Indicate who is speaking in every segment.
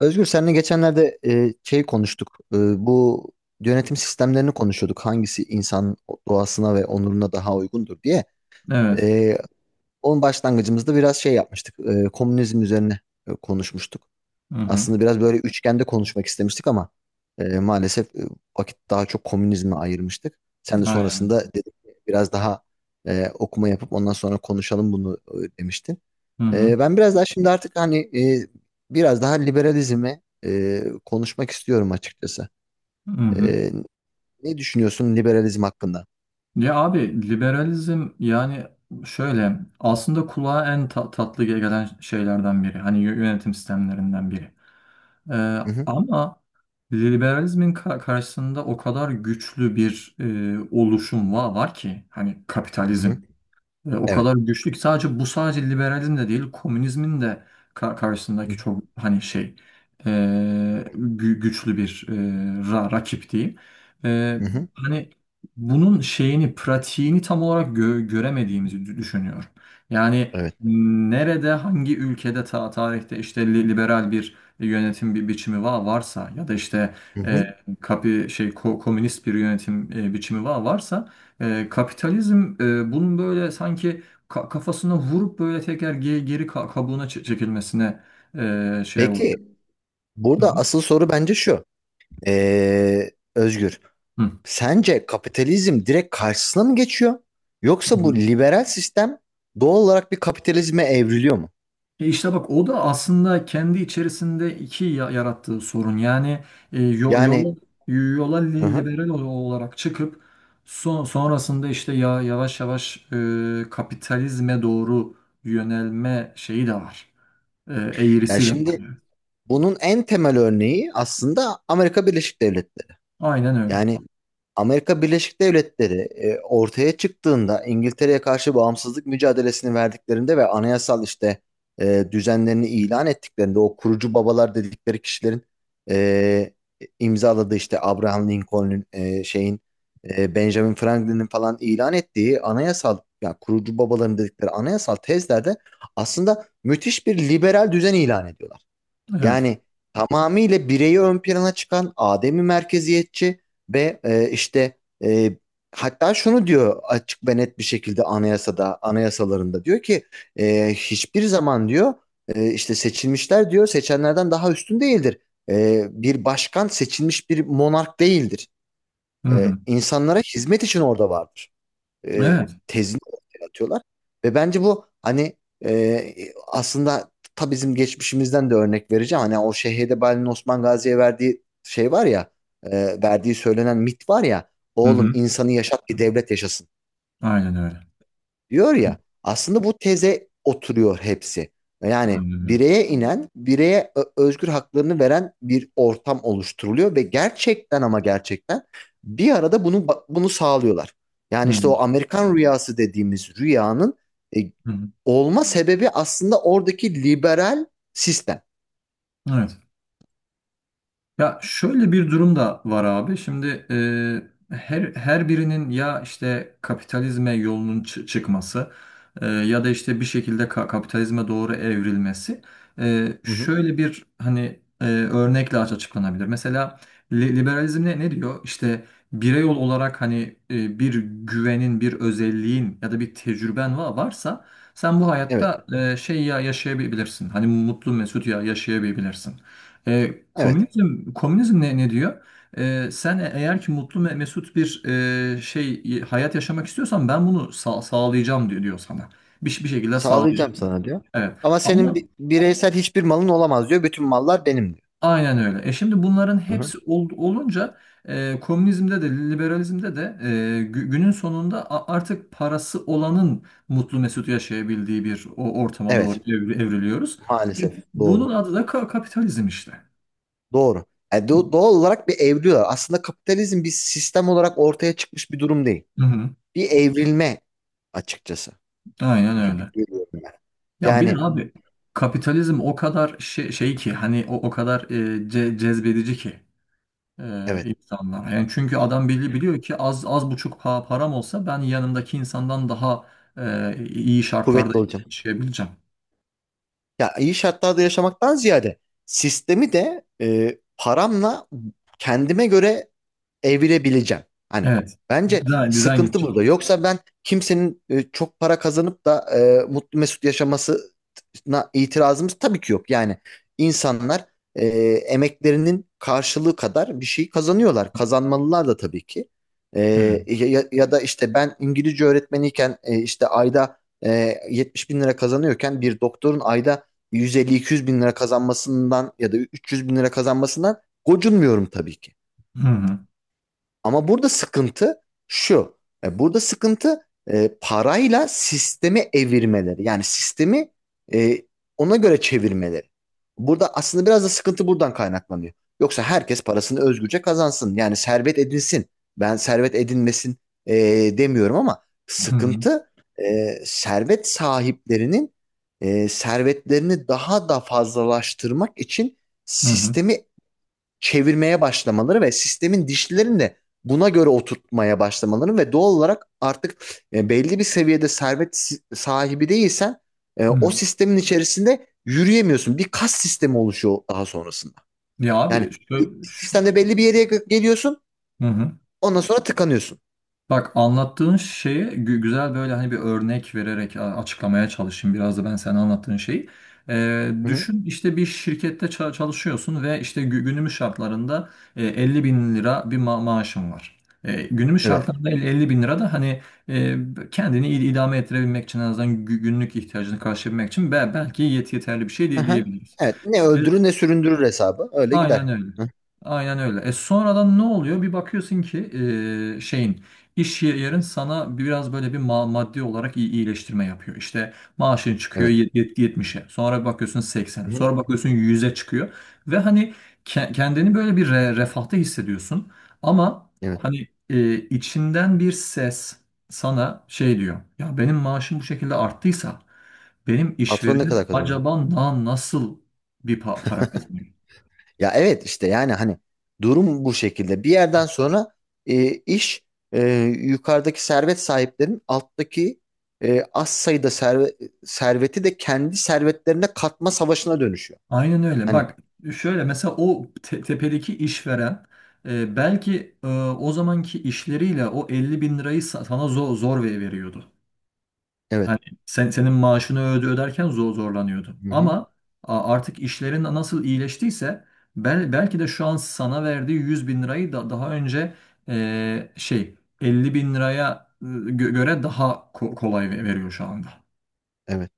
Speaker 1: Özgür seninle geçenlerde konuştuk. Bu yönetim sistemlerini konuşuyorduk. Hangisi insan doğasına ve onuruna daha uygundur diye.
Speaker 2: Evet.
Speaker 1: E, Onun başlangıcımızda biraz şey yapmıştık. Komünizm üzerine konuşmuştuk.
Speaker 2: Hı hı.
Speaker 1: Aslında biraz böyle üçgende konuşmak istemiştik ama maalesef vakit daha çok komünizme ayırmıştık. Sen de
Speaker 2: Aynen.
Speaker 1: sonrasında dedik ki biraz daha okuma yapıp ondan sonra konuşalım bunu demiştin.
Speaker 2: Hı hı.
Speaker 1: Ben biraz daha şimdi artık hani biraz daha liberalizmi konuşmak istiyorum açıkçası.
Speaker 2: Hı hı.
Speaker 1: Ee, Ne düşünüyorsun liberalizm hakkında?
Speaker 2: Ya abi, liberalizm yani şöyle aslında kulağa en tatlı gelen şeylerden biri. Hani yönetim sistemlerinden biri. Ee,
Speaker 1: Hı hı,
Speaker 2: Ama liberalizmin karşısında o kadar güçlü bir oluşum var ki hani
Speaker 1: hı
Speaker 2: kapitalizm.
Speaker 1: hı,
Speaker 2: O
Speaker 1: evet.
Speaker 2: kadar güçlü ki sadece bu sadece liberalizm de değil, komünizmin de karşısındaki
Speaker 1: Hı
Speaker 2: çok hani şey, e, güçlü bir rakip diyeyim. E,
Speaker 1: hı, hı hı,
Speaker 2: Hani bunun şeyini, pratiğini tam olarak göremediğimizi düşünüyorum. Yani
Speaker 1: evet.
Speaker 2: nerede, hangi ülkede tarihte işte liberal bir yönetim biçimi varsa, ya da işte
Speaker 1: Hı
Speaker 2: e,
Speaker 1: hı.
Speaker 2: kapi şey komünist bir yönetim biçimi varsa, kapitalizm bunun böyle sanki kafasına vurup böyle tekrar geri kabuğuna çekilmesine şey oldu.
Speaker 1: Peki,
Speaker 2: Hı
Speaker 1: burada
Speaker 2: hı.
Speaker 1: asıl soru bence şu. Ee, Özgür,
Speaker 2: Hı.
Speaker 1: sence kapitalizm direkt karşısına mı geçiyor?
Speaker 2: Hı
Speaker 1: Yoksa bu
Speaker 2: hı.
Speaker 1: liberal sistem doğal olarak bir kapitalizme evriliyor mu?
Speaker 2: İşte bak, o da aslında kendi içerisinde iki yarattığı sorun. Yani e, yo-
Speaker 1: Yani,
Speaker 2: yola, yola
Speaker 1: hı hı.
Speaker 2: liberal olarak çıkıp sonrasında işte ya yavaş yavaş kapitalizme doğru yönelme şeyi de var.
Speaker 1: Yani
Speaker 2: Eğrisi de var,
Speaker 1: şimdi
Speaker 2: yani.
Speaker 1: bunun en temel örneği aslında Amerika Birleşik Devletleri.
Speaker 2: Aynen öyle.
Speaker 1: Yani Amerika Birleşik Devletleri ortaya çıktığında İngiltere'ye karşı bağımsızlık mücadelesini verdiklerinde ve anayasal işte düzenlerini ilan ettiklerinde o kurucu babalar dedikleri kişilerin e, imzaladığı işte Abraham Lincoln'un şeyin Benjamin Franklin'in falan ilan ettiği anayasal yani kurucu babaların dedikleri anayasal tezlerde aslında müthiş bir liberal düzen ilan ediyorlar.
Speaker 2: Evet.
Speaker 1: Yani tamamıyla bireyi ön plana çıkan Adem'i merkeziyetçi ve e, hatta şunu diyor açık ve net bir şekilde anayasada, anayasalarında diyor ki hiçbir zaman diyor işte seçilmişler diyor seçenlerden daha üstün değildir. Bir başkan seçilmiş bir monark değildir.
Speaker 2: Hı hı.
Speaker 1: İnsanlara hizmet için orada vardır e,
Speaker 2: Evet.
Speaker 1: tezini ortaya atıyorlar. Ve bence bu hani aslında ta bizim geçmişimizden de örnek vereceğim. Hani o Şeyh'de Osman Gazi'ye verdiği şey var ya, verdiği söylenen mit var ya,
Speaker 2: Hı
Speaker 1: oğlum
Speaker 2: hı.
Speaker 1: insanı yaşat ki devlet yaşasın
Speaker 2: Aynen öyle.
Speaker 1: diyor ya, aslında bu teze oturuyor hepsi. Yani
Speaker 2: Aynen öyle.
Speaker 1: bireye inen, bireye özgür haklarını veren bir ortam oluşturuluyor ve gerçekten ama gerçekten bir arada bunu sağlıyorlar.
Speaker 2: Hı
Speaker 1: Yani
Speaker 2: hı.
Speaker 1: işte o Amerikan rüyası dediğimiz rüyanın e,
Speaker 2: Hı hı.
Speaker 1: olma sebebi aslında oradaki liberal sistem.
Speaker 2: Evet. Ya şöyle bir durum da var abi. Şimdi her birinin ya işte kapitalizme yolunun çıkması, ya da işte bir şekilde kapitalizme doğru evrilmesi
Speaker 1: Hı hı.
Speaker 2: şöyle bir hani örnekle açıklanabilir. Mesela liberalizm ne diyor? İşte birey olarak hani bir güvenin, bir özelliğin ya da bir tecrüben varsa sen bu
Speaker 1: Evet,
Speaker 2: hayatta yaşayabilirsin. Hani mutlu mesut yaşayabilirsin. E,
Speaker 1: evet.
Speaker 2: komünizm komünizm ne diyor? Sen eğer ki mutlu ve mesut bir hayat yaşamak istiyorsan, ben bunu sağlayacağım diyor sana. Bir şekilde
Speaker 1: Sağlayacağım
Speaker 2: sağlayacağım.
Speaker 1: sana diyor.
Speaker 2: Evet.
Speaker 1: Ama senin
Speaker 2: Ama
Speaker 1: bireysel hiçbir malın olamaz diyor. Bütün mallar benim diyor.
Speaker 2: aynen öyle. Şimdi bunların
Speaker 1: Hı hı.
Speaker 2: hepsi olunca komünizmde de, liberalizmde de, günün sonunda artık parası olanın mutlu mesut yaşayabildiği bir o ortama doğru
Speaker 1: Evet,
Speaker 2: evriliyoruz. E,
Speaker 1: maalesef
Speaker 2: Bunun
Speaker 1: doğru.
Speaker 2: adı da kapitalizm işte.
Speaker 1: Doğru. Yani doğal olarak bir evriliyor. Aslında kapitalizm bir sistem olarak ortaya çıkmış bir durum değil.
Speaker 2: Hı hı.
Speaker 1: Bir evrilme açıkçası
Speaker 2: Aynen
Speaker 1: gibi
Speaker 2: öyle.
Speaker 1: görüyorum ben.
Speaker 2: Ya bir
Speaker 1: Yani
Speaker 2: de abi, kapitalizm o kadar şey ki, hani o kadar cezbedici ki e,
Speaker 1: evet,
Speaker 2: insanlar. Yani çünkü adam biliyor ki az buçuk param olsa, ben yanımdaki insandan daha iyi şartlarda
Speaker 1: kuvvetli olacağım.
Speaker 2: yaşayabileceğim.
Speaker 1: Ya iyi şartlarda yaşamaktan ziyade sistemi de paramla kendime göre evirebileceğim. Hani
Speaker 2: Evet.
Speaker 1: bence
Speaker 2: Dizayn
Speaker 1: sıkıntı burada.
Speaker 2: gidecek.
Speaker 1: Yoksa ben kimsenin çok para kazanıp da mutlu mesut yaşaması itirazımız tabii ki yok. Yani insanlar e, emeklerinin karşılığı kadar bir şey kazanıyorlar. Kazanmalılar da tabii ki. E,
Speaker 2: Evet.
Speaker 1: Ya, ya da işte ben İngilizce öğretmeniyken işte ayda 70 bin lira kazanıyorken bir doktorun ayda 150-200 bin lira kazanmasından ya da 300 bin lira kazanmasından gocunmuyorum tabii ki.
Speaker 2: Hı hı.
Speaker 1: Ama burada sıkıntı şu. Burada sıkıntı parayla sistemi evirmeleri. Yani sistemi e, ona göre çevirmeleri. Burada aslında biraz da sıkıntı buradan kaynaklanıyor. Yoksa herkes parasını özgürce kazansın. Yani servet edinsin. Ben servet edinmesin e, demiyorum ama
Speaker 2: Hı hı.
Speaker 1: sıkıntı servet sahiplerinin servetlerini daha da fazlalaştırmak için
Speaker 2: Hı hı.
Speaker 1: sistemi çevirmeye başlamaları ve sistemin dişlilerini de buna göre oturtmaya başlamaları ve doğal olarak artık belli bir seviyede servet sahibi değilsen
Speaker 2: Hı
Speaker 1: o
Speaker 2: hı.
Speaker 1: sistemin içerisinde yürüyemiyorsun. Bir kas sistemi oluşuyor daha sonrasında.
Speaker 2: Ya
Speaker 1: Yani
Speaker 2: abi
Speaker 1: bir
Speaker 2: şöyle,
Speaker 1: sistemde belli bir yere geliyorsun,
Speaker 2: hı hı.
Speaker 1: ondan sonra tıkanıyorsun.
Speaker 2: Bak, anlattığın şeye güzel böyle hani bir örnek vererek açıklamaya çalışayım biraz da ben sana, anlattığın şeyi.
Speaker 1: Hı hı,
Speaker 2: Düşün, işte bir şirkette çalışıyorsun ve işte günümüz şartlarında 50 bin lira bir maaşın var. Günümüz
Speaker 1: evet.
Speaker 2: şartlarında 50 bin lira da hani e, kendini idame ettirebilmek için, en azından günlük ihtiyacını karşılayabilmek için, belki yeterli bir şey
Speaker 1: Hı hı.
Speaker 2: diyebiliriz.
Speaker 1: Evet. Ne öldürür ne süründürür hesabı. Öyle
Speaker 2: Aynen
Speaker 1: gider.
Speaker 2: öyle.
Speaker 1: Hı,
Speaker 2: Aynen öyle. Sonradan ne oluyor? Bir bakıyorsun ki e, şeyin iş yerin sana biraz böyle bir maddi olarak iyileştirme yapıyor. İşte maaşın çıkıyor
Speaker 1: evet.
Speaker 2: 70'e. Sonra bir bakıyorsun 80'e.
Speaker 1: Hı hı,
Speaker 2: Sonra bakıyorsun 100'e çıkıyor. Ve hani kendini böyle bir refahta hissediyorsun. Ama
Speaker 1: evet.
Speaker 2: hani içinden bir ses sana şey diyor: ya benim maaşım bu şekilde arttıysa, benim
Speaker 1: Patron ne
Speaker 2: işverenim
Speaker 1: kadar kazanıyor?
Speaker 2: acaba nasıl bir para kazanıyor?
Speaker 1: Ya evet işte yani hani durum bu şekilde. Bir yerden sonra e, iş e, yukarıdaki servet sahiplerinin alttaki e, az sayıda serve- serveti de kendi servetlerine katma savaşına dönüşüyor.
Speaker 2: Aynen öyle.
Speaker 1: Hani
Speaker 2: Bak şöyle, mesela o tepedeki işveren belki o zamanki işleriyle o 50.000 lirayı sana zor veriyordu.
Speaker 1: evet.
Speaker 2: Yani senin maaşını öderken zorlanıyordu.
Speaker 1: Hı-hı.
Speaker 2: Ama artık işlerin nasıl iyileştiyse, belki de şu an sana verdiği 100.000 lirayı da daha önce e, şey 50.000 liraya göre daha kolay veriyor şu anda.
Speaker 1: Evet.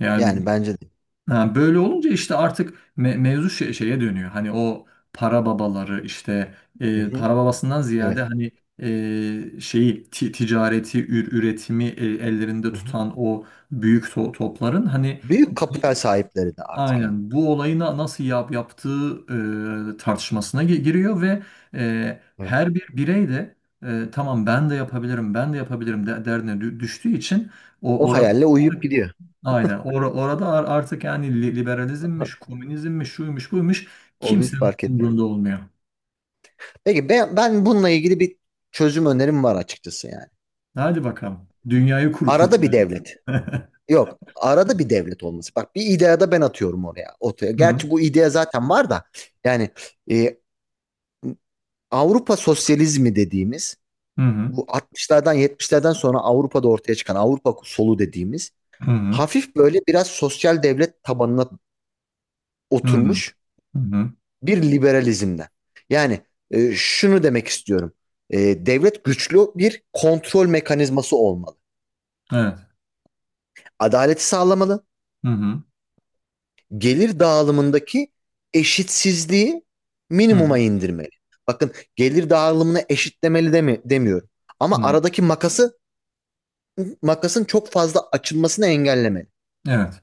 Speaker 2: Yani
Speaker 1: Yani bence de.
Speaker 2: ha, böyle olunca işte artık mevzu şeye dönüyor. Hani o para babaları işte
Speaker 1: Hı-hı.
Speaker 2: para babasından ziyade
Speaker 1: Evet.
Speaker 2: hani ticareti, üretimi ellerinde
Speaker 1: Hı-hı.
Speaker 2: tutan o büyük topların hani
Speaker 1: Büyük kapital
Speaker 2: bu-
Speaker 1: sahipleri de artık yani.
Speaker 2: aynen bu olayı nasıl yaptığı tartışmasına giriyor ve
Speaker 1: Evet.
Speaker 2: her bir birey de tamam, ben de yapabilirim, ben de yapabilirim, de derdine düştüğü için o
Speaker 1: O
Speaker 2: orada.
Speaker 1: hayalle uyuyup gidiyor.
Speaker 2: Aynen. Orada artık yani li- liberalizmmiş, komünizmmiş, şuymuş, buymuş,
Speaker 1: O bir
Speaker 2: kimsenin
Speaker 1: fark etmiyor.
Speaker 2: umurunda olmuyor.
Speaker 1: Peki ben, ben bununla ilgili bir çözüm önerim var açıkçası yani.
Speaker 2: Hadi bakalım, dünyayı
Speaker 1: Arada bir
Speaker 2: kurtaracağız.
Speaker 1: devlet. Yok. Arada bir devlet olması. Bak bir idea da ben atıyorum oraya. Ortaya.
Speaker 2: Hı hı.
Speaker 1: Gerçi bu idea zaten var da yani e, Avrupa sosyalizmi dediğimiz
Speaker 2: Hı hı.
Speaker 1: bu 60'lardan 70'lerden sonra Avrupa'da ortaya çıkan Avrupa solu dediğimiz
Speaker 2: Hı hı.
Speaker 1: hafif böyle biraz sosyal devlet tabanına
Speaker 2: Hı hı.
Speaker 1: oturmuş
Speaker 2: Hı hı.
Speaker 1: bir liberalizmden. Yani şunu demek istiyorum. Devlet güçlü bir kontrol mekanizması olmalı.
Speaker 2: Evet.
Speaker 1: Adaleti sağlamalı,
Speaker 2: Hı hı.
Speaker 1: gelir dağılımındaki eşitsizliği
Speaker 2: Hı hı.
Speaker 1: minimuma indirmeli. Bakın, gelir dağılımını eşitlemeli demi demiyorum.
Speaker 2: Hı
Speaker 1: Ama
Speaker 2: hı.
Speaker 1: aradaki makasın çok fazla açılmasını engellemeli.
Speaker 2: Evet.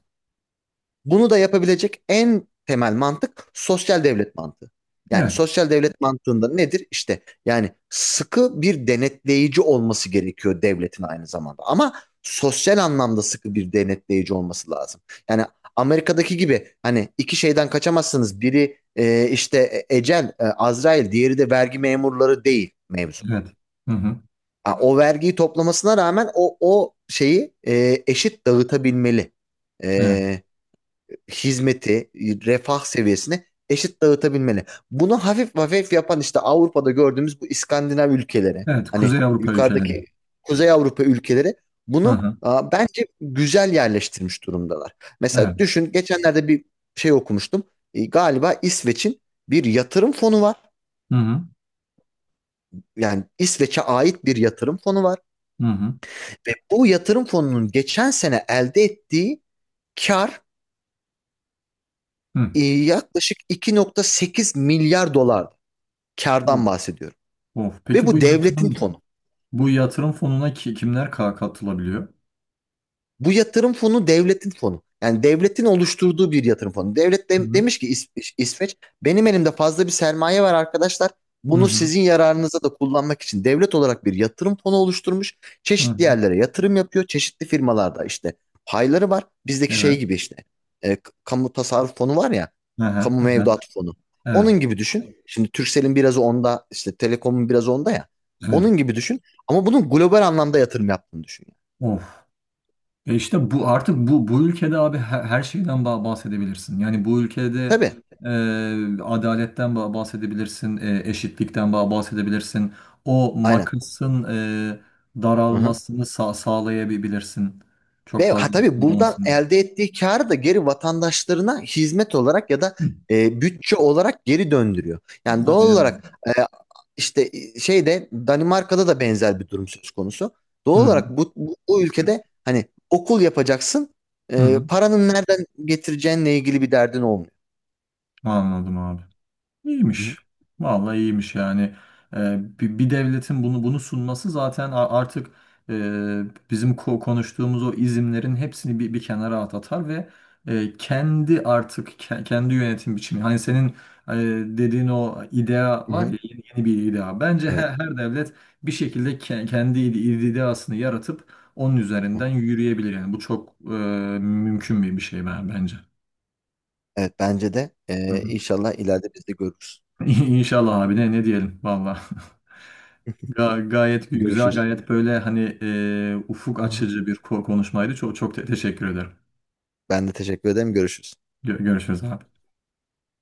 Speaker 1: Bunu da yapabilecek en temel mantık sosyal devlet mantığı. Yani
Speaker 2: Evet.
Speaker 1: sosyal devlet mantığında nedir? İşte yani sıkı bir denetleyici olması gerekiyor devletin aynı zamanda. Ama sosyal anlamda sıkı bir denetleyici olması lazım. Yani Amerika'daki gibi hani iki şeyden kaçamazsınız. Biri ecel, Azrail, diğeri de vergi memurları değil mevzu.
Speaker 2: Evet. Hı hı.
Speaker 1: Ha, o vergiyi toplamasına rağmen o şeyi eşit dağıtabilmeli.
Speaker 2: Evet.
Speaker 1: E, Hizmeti, refah seviyesini eşit dağıtabilmeli. Bunu hafif hafif yapan işte Avrupa'da gördüğümüz bu İskandinav ülkeleri,
Speaker 2: Evet.
Speaker 1: hani
Speaker 2: Kuzey Avrupa ülkeleri.
Speaker 1: yukarıdaki Kuzey Avrupa ülkeleri
Speaker 2: Hı
Speaker 1: bunu
Speaker 2: hı.
Speaker 1: a, bence güzel yerleştirmiş durumdalar. Mesela
Speaker 2: Evet.
Speaker 1: düşün, geçenlerde bir şey okumuştum. Galiba İsveç'in bir yatırım fonu var.
Speaker 2: Hı hı.
Speaker 1: Yani İsveç'e ait bir yatırım fonu var
Speaker 2: Hı hı.
Speaker 1: ve bu yatırım fonunun geçen sene elde ettiği kar
Speaker 2: Hı.
Speaker 1: yaklaşık 2.8 milyar dolar. Kardan bahsediyorum.
Speaker 2: Of.
Speaker 1: Ve
Speaker 2: Peki bu
Speaker 1: bu devletin fonu.
Speaker 2: yatırım fonuna kimler katılabiliyor?
Speaker 1: Bu yatırım fonu devletin fonu. Yani devletin oluşturduğu bir yatırım fonu. Devlet
Speaker 2: Hı hı.
Speaker 1: demiş ki, İsveç benim elimde fazla bir sermaye var arkadaşlar.
Speaker 2: Hı
Speaker 1: Bunu
Speaker 2: hı.
Speaker 1: sizin yararınıza da kullanmak için devlet olarak bir yatırım fonu oluşturmuş.
Speaker 2: Hı
Speaker 1: Çeşitli
Speaker 2: hı.
Speaker 1: yerlere yatırım yapıyor. Çeşitli firmalarda işte payları var. Bizdeki
Speaker 2: Evet.
Speaker 1: şey gibi işte kamu tasarruf fonu var ya.
Speaker 2: Hı hı.
Speaker 1: Kamu
Speaker 2: Hı hı.
Speaker 1: mevduat fonu.
Speaker 2: Evet,
Speaker 1: Onun gibi düşün. Şimdi Turkcell'in biraz onda, işte Telekom'un biraz onda ya.
Speaker 2: evet.
Speaker 1: Onun gibi düşün. Ama bunun global anlamda yatırım yaptığını düşün. Yani."
Speaker 2: Of. İşte bu artık, bu ülkede abi, her şeyden bahsedebilirsin. Yani bu ülkede
Speaker 1: Tabii.
Speaker 2: adaletten bahsedebilirsin, eşitlikten bahsedebilirsin. O
Speaker 1: Aynen.
Speaker 2: makasın
Speaker 1: Aha.
Speaker 2: daralmasını sağlayabilirsin. Çok
Speaker 1: Ve ha,
Speaker 2: fazla
Speaker 1: tabii buradan
Speaker 2: kullanılmasın.
Speaker 1: elde ettiği karı da geri vatandaşlarına hizmet olarak ya da
Speaker 2: Hı,
Speaker 1: bütçe olarak geri döndürüyor. Yani doğal
Speaker 2: aynen öyle.
Speaker 1: olarak işte şeyde Danimarka'da da benzer bir durum söz konusu.
Speaker 2: Hı
Speaker 1: Doğal
Speaker 2: hı,
Speaker 1: olarak bu ülkede hani okul yapacaksın,
Speaker 2: hı hı.
Speaker 1: paranın nereden getireceğinle ilgili bir derdin olmuyor.
Speaker 2: Anladım abi.
Speaker 1: Hı hı.
Speaker 2: İyiymiş. Vallahi iyiymiş, yani. Bir devletin bunu sunması zaten artık e, bizim konuştuğumuz o izimlerin hepsini bir kenara atar ve kendi artık kendi yönetim biçimi. Hani senin e, dediğin o idea
Speaker 1: Hı
Speaker 2: var
Speaker 1: hı.
Speaker 2: ya, yeni bir idea. Bence
Speaker 1: Evet.
Speaker 2: her devlet bir şekilde kendi ideasını yaratıp onun
Speaker 1: Hı
Speaker 2: üzerinden
Speaker 1: hı.
Speaker 2: yürüyebilir. Yani bu çok mümkün bir şey ben, bence.
Speaker 1: Evet, bence de inşallah ileride biz de görürüz.
Speaker 2: İnşallah abi, ne diyelim valla. Gayet güzel,
Speaker 1: Görüşürüz.
Speaker 2: gayet böyle hani ufuk
Speaker 1: Hı hı.
Speaker 2: açıcı bir konuşmaydı. Çok çok teşekkür ederim.
Speaker 1: Ben de teşekkür ederim. Görüşürüz.
Speaker 2: Görüşürüz abi.